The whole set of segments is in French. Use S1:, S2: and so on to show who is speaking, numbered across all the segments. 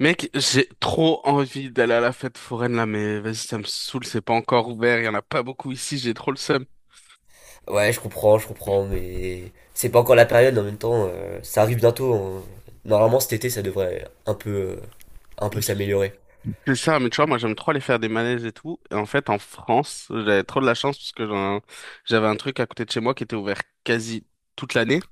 S1: Mec, j'ai trop envie d'aller à la fête foraine là, mais vas-y, ça me saoule, c'est pas encore ouvert, il y en a pas beaucoup ici, j'ai trop le seum.
S2: Ouais, je comprends, mais c'est pas encore la période en même temps. Ça arrive bientôt, hein. Normalement, cet été, ça devrait un peu s'améliorer.
S1: C'est ça, mais tu vois, moi j'aime trop aller faire des manèges et tout. Et en fait, en France, j'avais trop de la chance parce que j'avais un truc à côté de chez moi qui était ouvert quasi toute l'année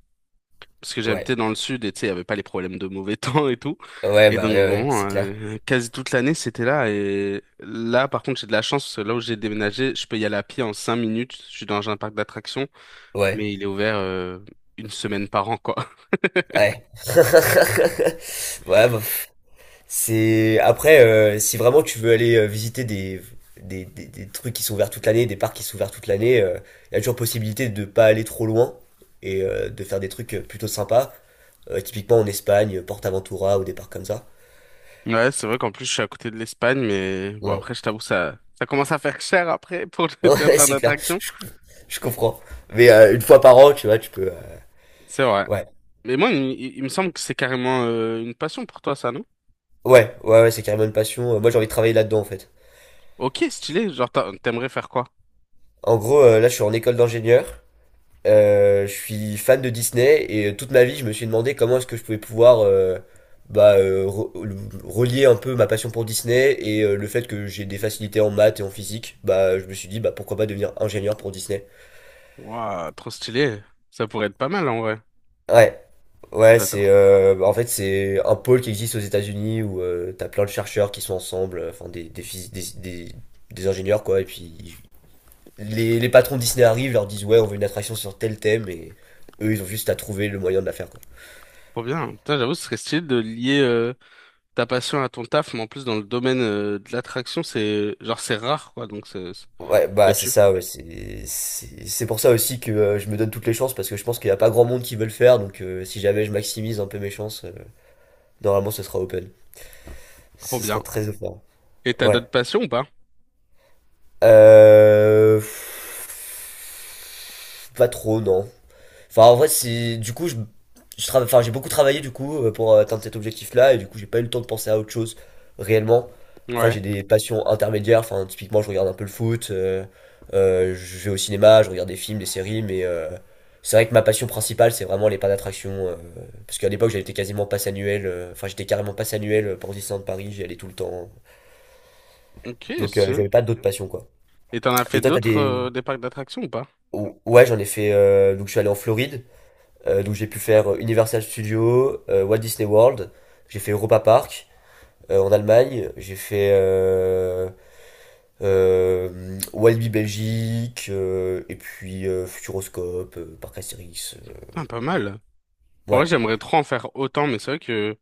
S1: parce que
S2: Ouais,
S1: j'habitais dans le sud et tu sais, il n'y avait pas les problèmes de mauvais temps et tout.
S2: ouais,
S1: Et
S2: bah
S1: donc
S2: ouais, ouais,
S1: vraiment,
S2: c'est clair.
S1: quasi toute l'année, c'était là. Et là, par contre, j'ai de la chance, parce que là où j'ai déménagé, je peux y aller à pied en 5 minutes. Je suis dans un parc d'attractions,
S2: Ouais,
S1: mais il est ouvert une semaine par an, quoi.
S2: ouais. Ouais, bah, pff, c'est après, si vraiment tu veux aller, visiter des trucs qui sont ouverts toute l'année, des parcs qui sont ouverts toute l'année. Il y a toujours possibilité de pas aller trop loin, et de faire des trucs plutôt sympas. Typiquement en Espagne, Portaventura, ou des parcs comme ça.
S1: Ouais, c'est vrai qu'en plus, je suis à côté de l'Espagne, mais bon,
S2: Ouais.
S1: après, je t'avoue, ça commence à faire cher après pour
S2: Ouais,
S1: le un
S2: ouais,
S1: parc
S2: c'est clair.
S1: d'attractions.
S2: Je comprends. Mais une fois par an, tu vois, tu peux.
S1: C'est vrai.
S2: Ouais,
S1: Mais moi, il me semble que c'est carrément une passion pour toi, ça, non?
S2: ouais, ouais, ouais, c'est carrément une passion. Moi, j'ai envie de travailler là-dedans, en fait.
S1: Ok, stylé. Genre, t'aimerais faire quoi?
S2: En gros, là, je suis en école d'ingénieur. Je suis fan de Disney, et toute ma vie, je me suis demandé comment est-ce que je pouvais pouvoir, bah, relier un peu ma passion pour Disney et le fait que j'ai des facilités en maths et en physique. Bah, je me suis dit, bah, pourquoi pas devenir ingénieur pour Disney.
S1: Waouh, trop stylé. Ça pourrait être pas mal en vrai. Ouais.
S2: Ouais. Ouais, c'est,
S1: J'adore.
S2: en fait c'est un pôle qui existe aux États-Unis, où t'as plein de chercheurs qui sont ensemble, enfin des, phys- des des ingénieurs quoi, et puis les patrons de Disney arrivent, leur disent ouais on veut une attraction sur tel thème, et eux ils ont juste à trouver le moyen de la faire quoi.
S1: Trop bien. Putain, j'avoue, ce serait stylé de lier ta passion à ton taf, mais en plus dans le domaine de l'attraction, c'est genre c'est rare quoi, donc
S2: Ouais, bah
S1: ça
S2: c'est
S1: tue.
S2: ça, ouais, c'est pour ça aussi que je me donne toutes les chances, parce que je pense qu'il y a pas grand monde qui veut le faire, donc si jamais je maximise un peu mes chances, normalement ce sera open,
S1: Trop
S2: ce
S1: bien.
S2: sera très open.
S1: Et t'as
S2: Ouais.
S1: d'autres passions ou pas?
S2: Euh... pff, Pas trop, non. Enfin, en vrai, c'est du coup, enfin, j'ai beaucoup travaillé, du coup, pour atteindre cet objectif-là, et du coup, j'ai pas eu le temps de penser à autre chose réellement. Après,
S1: Ouais.
S2: j'ai des passions intermédiaires. Enfin, typiquement, je regarde un peu le foot, je vais au cinéma, je regarde des films, des séries, mais c'est vrai que ma passion principale, c'est vraiment les parcs d'attractions, parce qu'à l'époque, j'avais été quasiment passe annuel. Enfin, j'étais carrément passe annuel, pour Disneyland Paris. J'y allais tout le temps.
S1: Ok,
S2: Donc,
S1: c'est.
S2: j'avais pas d'autres passions quoi.
S1: Et t'en as fait
S2: Et toi, t'as
S1: d'autres
S2: des...
S1: des parcs d'attractions ou pas?
S2: Ouais, j'en ai fait, donc, je suis allé en Floride. Donc j'ai pu faire, Universal Studios, Walt Disney World, j'ai fait Europa Park, en Allemagne, j'ai fait Walibi Belgique, et puis Futuroscope, Parc Astérix.
S1: Putain, pas mal. En vrai,
S2: Ouais,
S1: j'aimerais trop en faire autant, mais c'est vrai que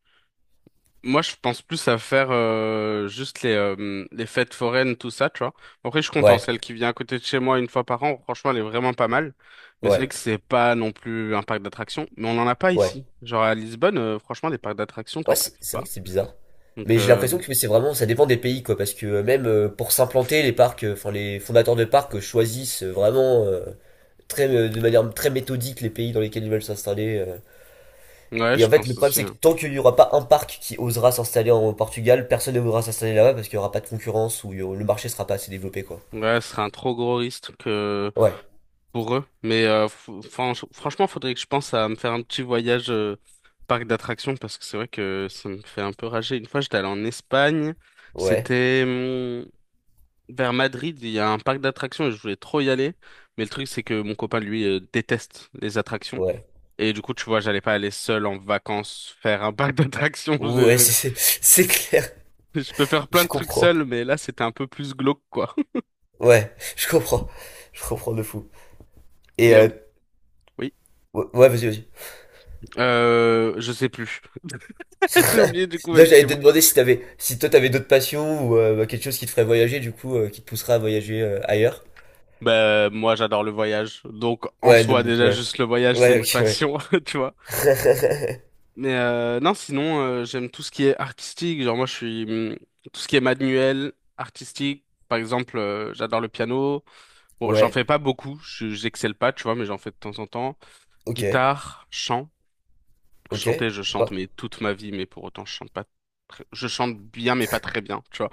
S1: moi, je pense plus à faire juste les fêtes foraines, tout ça, tu vois. Après, je suis content.
S2: ouais,
S1: Celle qui vient à côté de chez moi une fois par an, franchement, elle est vraiment pas mal. Mais c'est
S2: ouais,
S1: vrai que c'est pas non plus un parc d'attractions. Mais on n'en a pas
S2: ouais.
S1: ici. Genre à Lisbonne, franchement, des parcs d'attractions,
S2: Ouais,
S1: t'en trouves
S2: c'est vrai
S1: pas.
S2: que c'est bizarre.
S1: Donc,
S2: Mais j'ai l'impression que c'est vraiment, ça dépend des pays, quoi, parce que même pour s'implanter, les parcs, enfin les fondateurs de parcs choisissent vraiment, très, de manière très méthodique, les pays dans lesquels ils veulent s'installer.
S1: ouais,
S2: Et en
S1: je
S2: fait, le
S1: pense
S2: problème,
S1: aussi,
S2: c'est que
S1: hein.
S2: tant qu'il n'y aura pas un parc qui osera s'installer en Portugal, personne ne voudra s'installer là-bas, parce qu'il n'y aura pas de concurrence, ou le marché sera pas assez développé, quoi.
S1: Ouais, ce serait un trop gros risque que
S2: Ouais,
S1: pour eux. Mais franchement, faudrait que je pense à me faire un petit voyage parc d'attractions parce que c'est vrai que ça me fait un peu rager. Une fois, j'étais allé en Espagne,
S2: ouais,
S1: c'était vers Madrid, il y a un parc d'attractions et je voulais trop y aller. Mais le truc, c'est que mon copain, lui, déteste les attractions.
S2: ouais.
S1: Et du coup, tu vois, j'allais pas aller seul en vacances faire un parc d'attractions.
S2: Ouais, c'est clair,
S1: Je peux faire plein
S2: je
S1: de trucs
S2: comprends.
S1: seul, mais là, c'était un peu plus glauque, quoi.
S2: Ouais, je comprends. Je comprends de fou. Et
S1: Et, oui,
S2: ouais, ouais, vas-y, vas-y.
S1: je sais plus. J'ai oublié, du coup,
S2: Là,
S1: vas-y,
S2: j'allais te
S1: dis-moi.
S2: demander si toi t'avais d'autres passions, ou bah, quelque chose qui te ferait voyager, du coup, qui te poussera à voyager ailleurs.
S1: Bah, moi, j'adore le voyage. Donc, en
S2: Ouais, non,
S1: soi,
S2: donc,
S1: déjà,
S2: ouais.
S1: juste le voyage, c'est
S2: Ouais,
S1: une
S2: ok, ouais.
S1: passion, tu vois. Mais non, sinon, j'aime tout ce qui est artistique. Genre, moi, je suis... tout ce qui est manuel, artistique. Par exemple, j'adore le piano. Bon, j'en
S2: Ouais,
S1: fais pas beaucoup. J'excelle pas, tu vois, mais j'en fais de temps en temps.
S2: ok,
S1: Guitare, chant.
S2: ok.
S1: Chanter, je
S2: Sympa.
S1: chante, mais toute ma vie. Mais pour autant, je chante pas... Je chante bien, mais pas très bien, tu vois.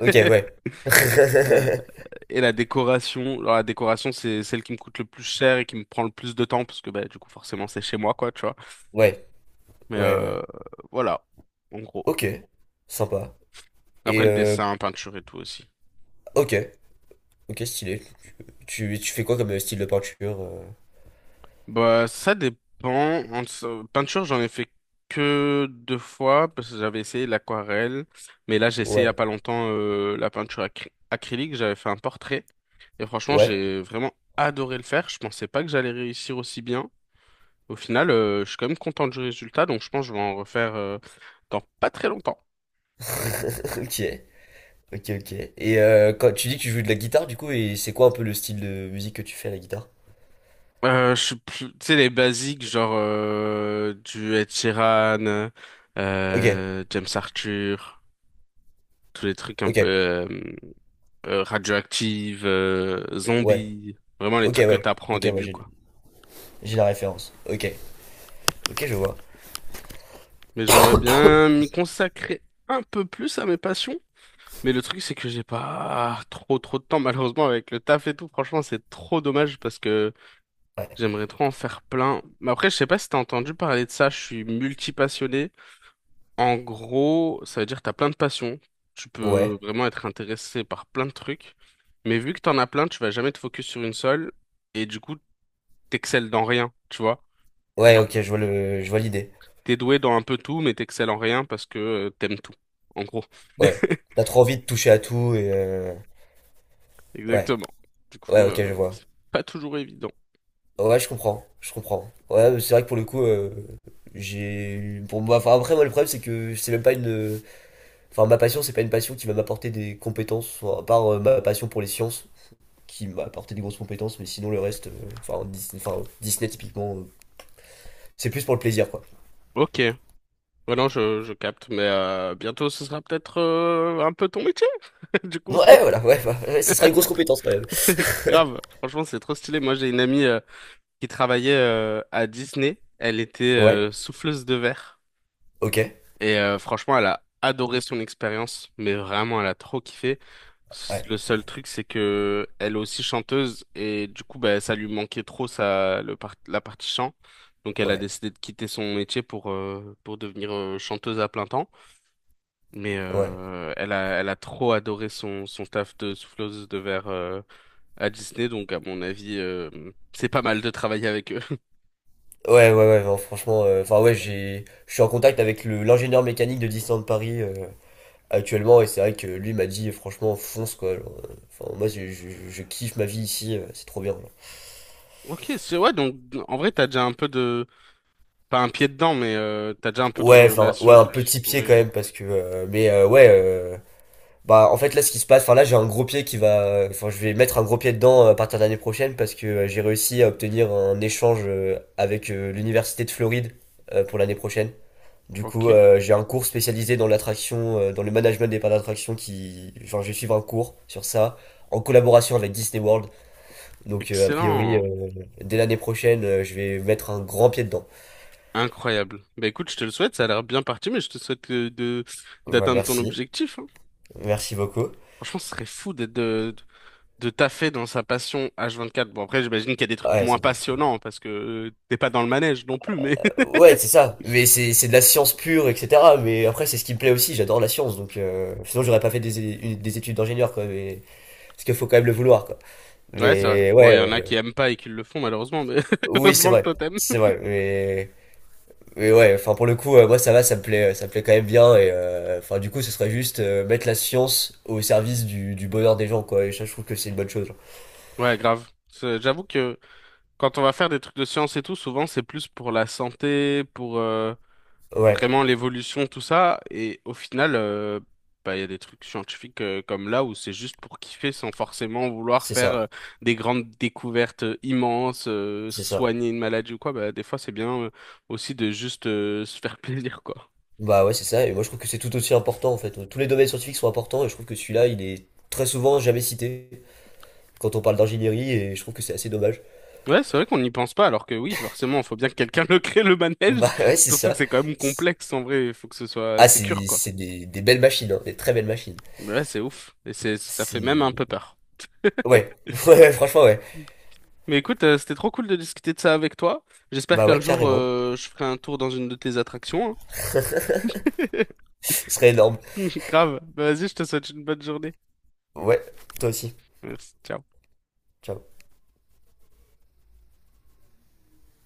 S2: Ok, ouais.
S1: Euh, Et la décoration, alors la décoration, c'est celle qui me coûte le plus cher et qui me prend le plus de temps, parce que bah, du coup, forcément, c'est chez moi, quoi, tu vois.
S2: Ouais,
S1: Mais
S2: ouais, ouais.
S1: voilà, en gros.
S2: Ok, sympa.
S1: Après,
S2: Et
S1: le dessin, peinture et tout aussi.
S2: ok, ok, stylé. Tu fais quoi comme, style de peinture?
S1: Bah, ça dépend. Peinture, j'en ai fait que deux fois, parce que j'avais essayé l'aquarelle. Mais là, j'ai essayé il y a
S2: Ouais,
S1: pas longtemps la peinture acrylique. J'avais fait un portrait. Et franchement,
S2: ouais,
S1: j'ai vraiment adoré le faire. Je pensais pas que j'allais réussir aussi bien. Au final, je suis quand même content du résultat, donc je pense que je vais en refaire dans pas très longtemps.
S2: ok, ok, ok. Et quand tu dis que tu joues de la guitare, du coup, et c'est quoi un peu le style de musique que tu fais à la guitare?
S1: Je suis tu sais, les basiques, genre du Ed Sheeran,
S2: Ok,
S1: James Arthur, tous les trucs un peu
S2: ok,
S1: radioactifs,
S2: ouais,
S1: zombies, vraiment les
S2: ok,
S1: trucs que
S2: ouais,
S1: t'apprends au
S2: ok, ouais,
S1: début, quoi.
S2: j'ai la référence. Ok, ok, je vois.
S1: Mais j'aimerais bien m'y consacrer un peu plus à mes passions. Mais le truc, c'est que j'ai pas trop de temps, malheureusement, avec le taf et tout. Franchement, c'est trop dommage parce que
S2: Ouais,
S1: j'aimerais trop en faire plein. Mais après, je sais pas si t'as entendu parler de ça, je suis multipassionné. En gros, ça veut dire que t'as plein de passions. Tu peux
S2: ouais,
S1: vraiment être intéressé par plein de trucs. Mais vu que t'en as plein, tu vas jamais te focus sur une seule. Et du coup, t'excelles dans rien, tu vois.
S2: ouais,
S1: Genre,
S2: ok, je vois l'idée.
S1: t'es doué dans un peu tout, mais t'excelles en rien parce que t'aimes tout. En gros.
S2: Ouais, t'as trop envie de toucher à tout, et ouais,
S1: Exactement. Du coup,
S2: ouais, ok, je vois.
S1: c'est pas toujours évident.
S2: Ouais, ouais, je comprends, je comprends. Ouais, mais c'est vrai que pour le coup, pour moi, enfin après moi le problème c'est que c'est même pas une, enfin ma passion c'est pas une passion qui va m'apporter des compétences, enfin, à part ma passion pour les sciences, qui m'a apporté des grosses compétences, mais sinon le reste, enfin, Disney typiquement, c'est plus pour le plaisir quoi.
S1: Ok. Ouais, non, je capte. Mais bientôt, ce sera peut-être un peu ton métier, du coup.
S2: Ouais, voilà, ouais, bah, ouais, ce sera une grosse compétence quand même.
S1: Grave, franchement, c'est trop stylé. Moi, j'ai une amie qui travaillait à Disney. Elle était
S2: Ouais,
S1: souffleuse de verre.
S2: ok,
S1: Et franchement, elle a adoré son expérience, mais vraiment, elle a trop kiffé.
S2: ouais,
S1: Le seul truc, c'est que elle est aussi chanteuse et du coup, bah, ça lui manquait trop ça, la partie chant. Donc, elle a
S2: ouais,
S1: décidé de quitter son métier pour devenir chanteuse à plein temps. Mais
S2: ouais.
S1: elle a trop adoré son taf de souffleuse de verre. À Disney, donc à mon avis, c'est pas mal de travailler avec eux.
S2: Ouais, ouais, ouais, non, franchement, enfin ouais, je suis en contact avec le l'ingénieur mécanique de Disneyland Paris, actuellement. Et c'est vrai que lui m'a dit, franchement, fonce quoi. Genre, enfin, moi, je kiffe ma vie ici, c'est trop bien, genre.
S1: Ok, c'est ouais, donc en vrai, t'as déjà un peu de... Pas un pied dedans, mais t'as déjà un peu de
S2: Ouais, enfin,
S1: relation,
S2: ouais,
S1: et
S2: un
S1: tout qui
S2: petit pied quand
S1: pourrait...
S2: même, parce que. Mais ouais, bah, en fait, là, ce qui se passe, enfin, là, j'ai un gros pied qui va. Enfin, je vais mettre un gros pied dedans, à partir de l'année prochaine, parce que j'ai réussi à obtenir un échange, avec l'université de Floride, pour l'année prochaine. Du coup,
S1: Ok,
S2: j'ai un cours spécialisé dans l'attraction, dans le management des parcs d'attraction qui. Genre, je vais suivre un cours sur ça, en collaboration avec Disney World. Donc, a priori,
S1: excellent,
S2: dès l'année prochaine, je vais mettre un grand pied dedans.
S1: incroyable. Bah écoute, je te le souhaite, ça a l'air bien parti, mais je te souhaite de
S2: Ouais,
S1: d'atteindre ton
S2: merci.
S1: objectif, hein.
S2: Merci beaucoup.
S1: Franchement, ce serait fou d'être de taffer dans sa passion H24. Bon, après, j'imagine qu'il y a des trucs
S2: Ouais,
S1: moins
S2: ça doit être...
S1: passionnants, parce que t'es pas dans le manège non plus, mais...
S2: euh, ouais, c'est ça. Mais c'est de la science pure, etc. Mais après, c'est ce qui me plaît aussi. J'adore la science. Donc, sinon, j'aurais pas fait des études d'ingénieur, quoi. Mais... Parce qu'il faut quand même le vouloir, quoi.
S1: Ouais, c'est vrai.
S2: Mais
S1: Bon, il y en a
S2: ouais,
S1: qui aiment pas et qui le font, malheureusement, mais
S2: oui, c'est
S1: heureusement que
S2: vrai.
S1: toi, t'aimes.
S2: C'est vrai. Mais, ouais, enfin, pour le coup, moi, ça va, ça me plaît quand même bien. Et enfin, du coup, ce serait juste mettre la science au service du bonheur des gens, quoi. Et ça, je trouve que c'est une bonne chose, genre.
S1: Ouais, grave. J'avoue que quand on va faire des trucs de science et tout, souvent c'est plus pour la santé, pour
S2: Ouais.
S1: vraiment l'évolution, tout ça. Et au final, bah, il y a des trucs scientifiques comme là où c'est juste pour kiffer sans forcément vouloir
S2: C'est
S1: faire
S2: ça,
S1: des grandes découvertes immenses,
S2: c'est ça.
S1: soigner une maladie ou quoi. Bah, des fois, c'est bien aussi de juste se faire plaisir, quoi.
S2: Bah ouais, c'est ça, et moi je trouve que c'est tout aussi important en fait. Tous les domaines scientifiques sont importants, et je trouve que celui-là, il est très souvent jamais cité quand on parle d'ingénierie, et je trouve que c'est assez dommage.
S1: Ouais, c'est vrai qu'on n'y pense pas, alors que oui, forcément, il faut bien que quelqu'un le crée le manège.
S2: Bah ouais, c'est
S1: Surtout que
S2: ça.
S1: c'est quand même complexe en vrai, il faut que ce soit
S2: Ah,
S1: sécure, quoi.
S2: c'est des belles machines, hein, des très belles machines.
S1: Ouais, c'est ouf. Et c'est, ça fait même
S2: C'est...
S1: un peu peur.
S2: Ouais, ouais, ouais, franchement, ouais.
S1: Mais écoute, c'était trop cool de discuter de ça avec toi. J'espère
S2: Bah ouais,
S1: qu'un jour,
S2: carrément.
S1: je ferai un tour dans une de tes attractions,
S2: Ce serait énorme.
S1: hein. Grave. Bah, vas-y, je te souhaite une bonne journée.
S2: Ouais, toi aussi.
S1: Merci. Ciao.
S2: Ciao.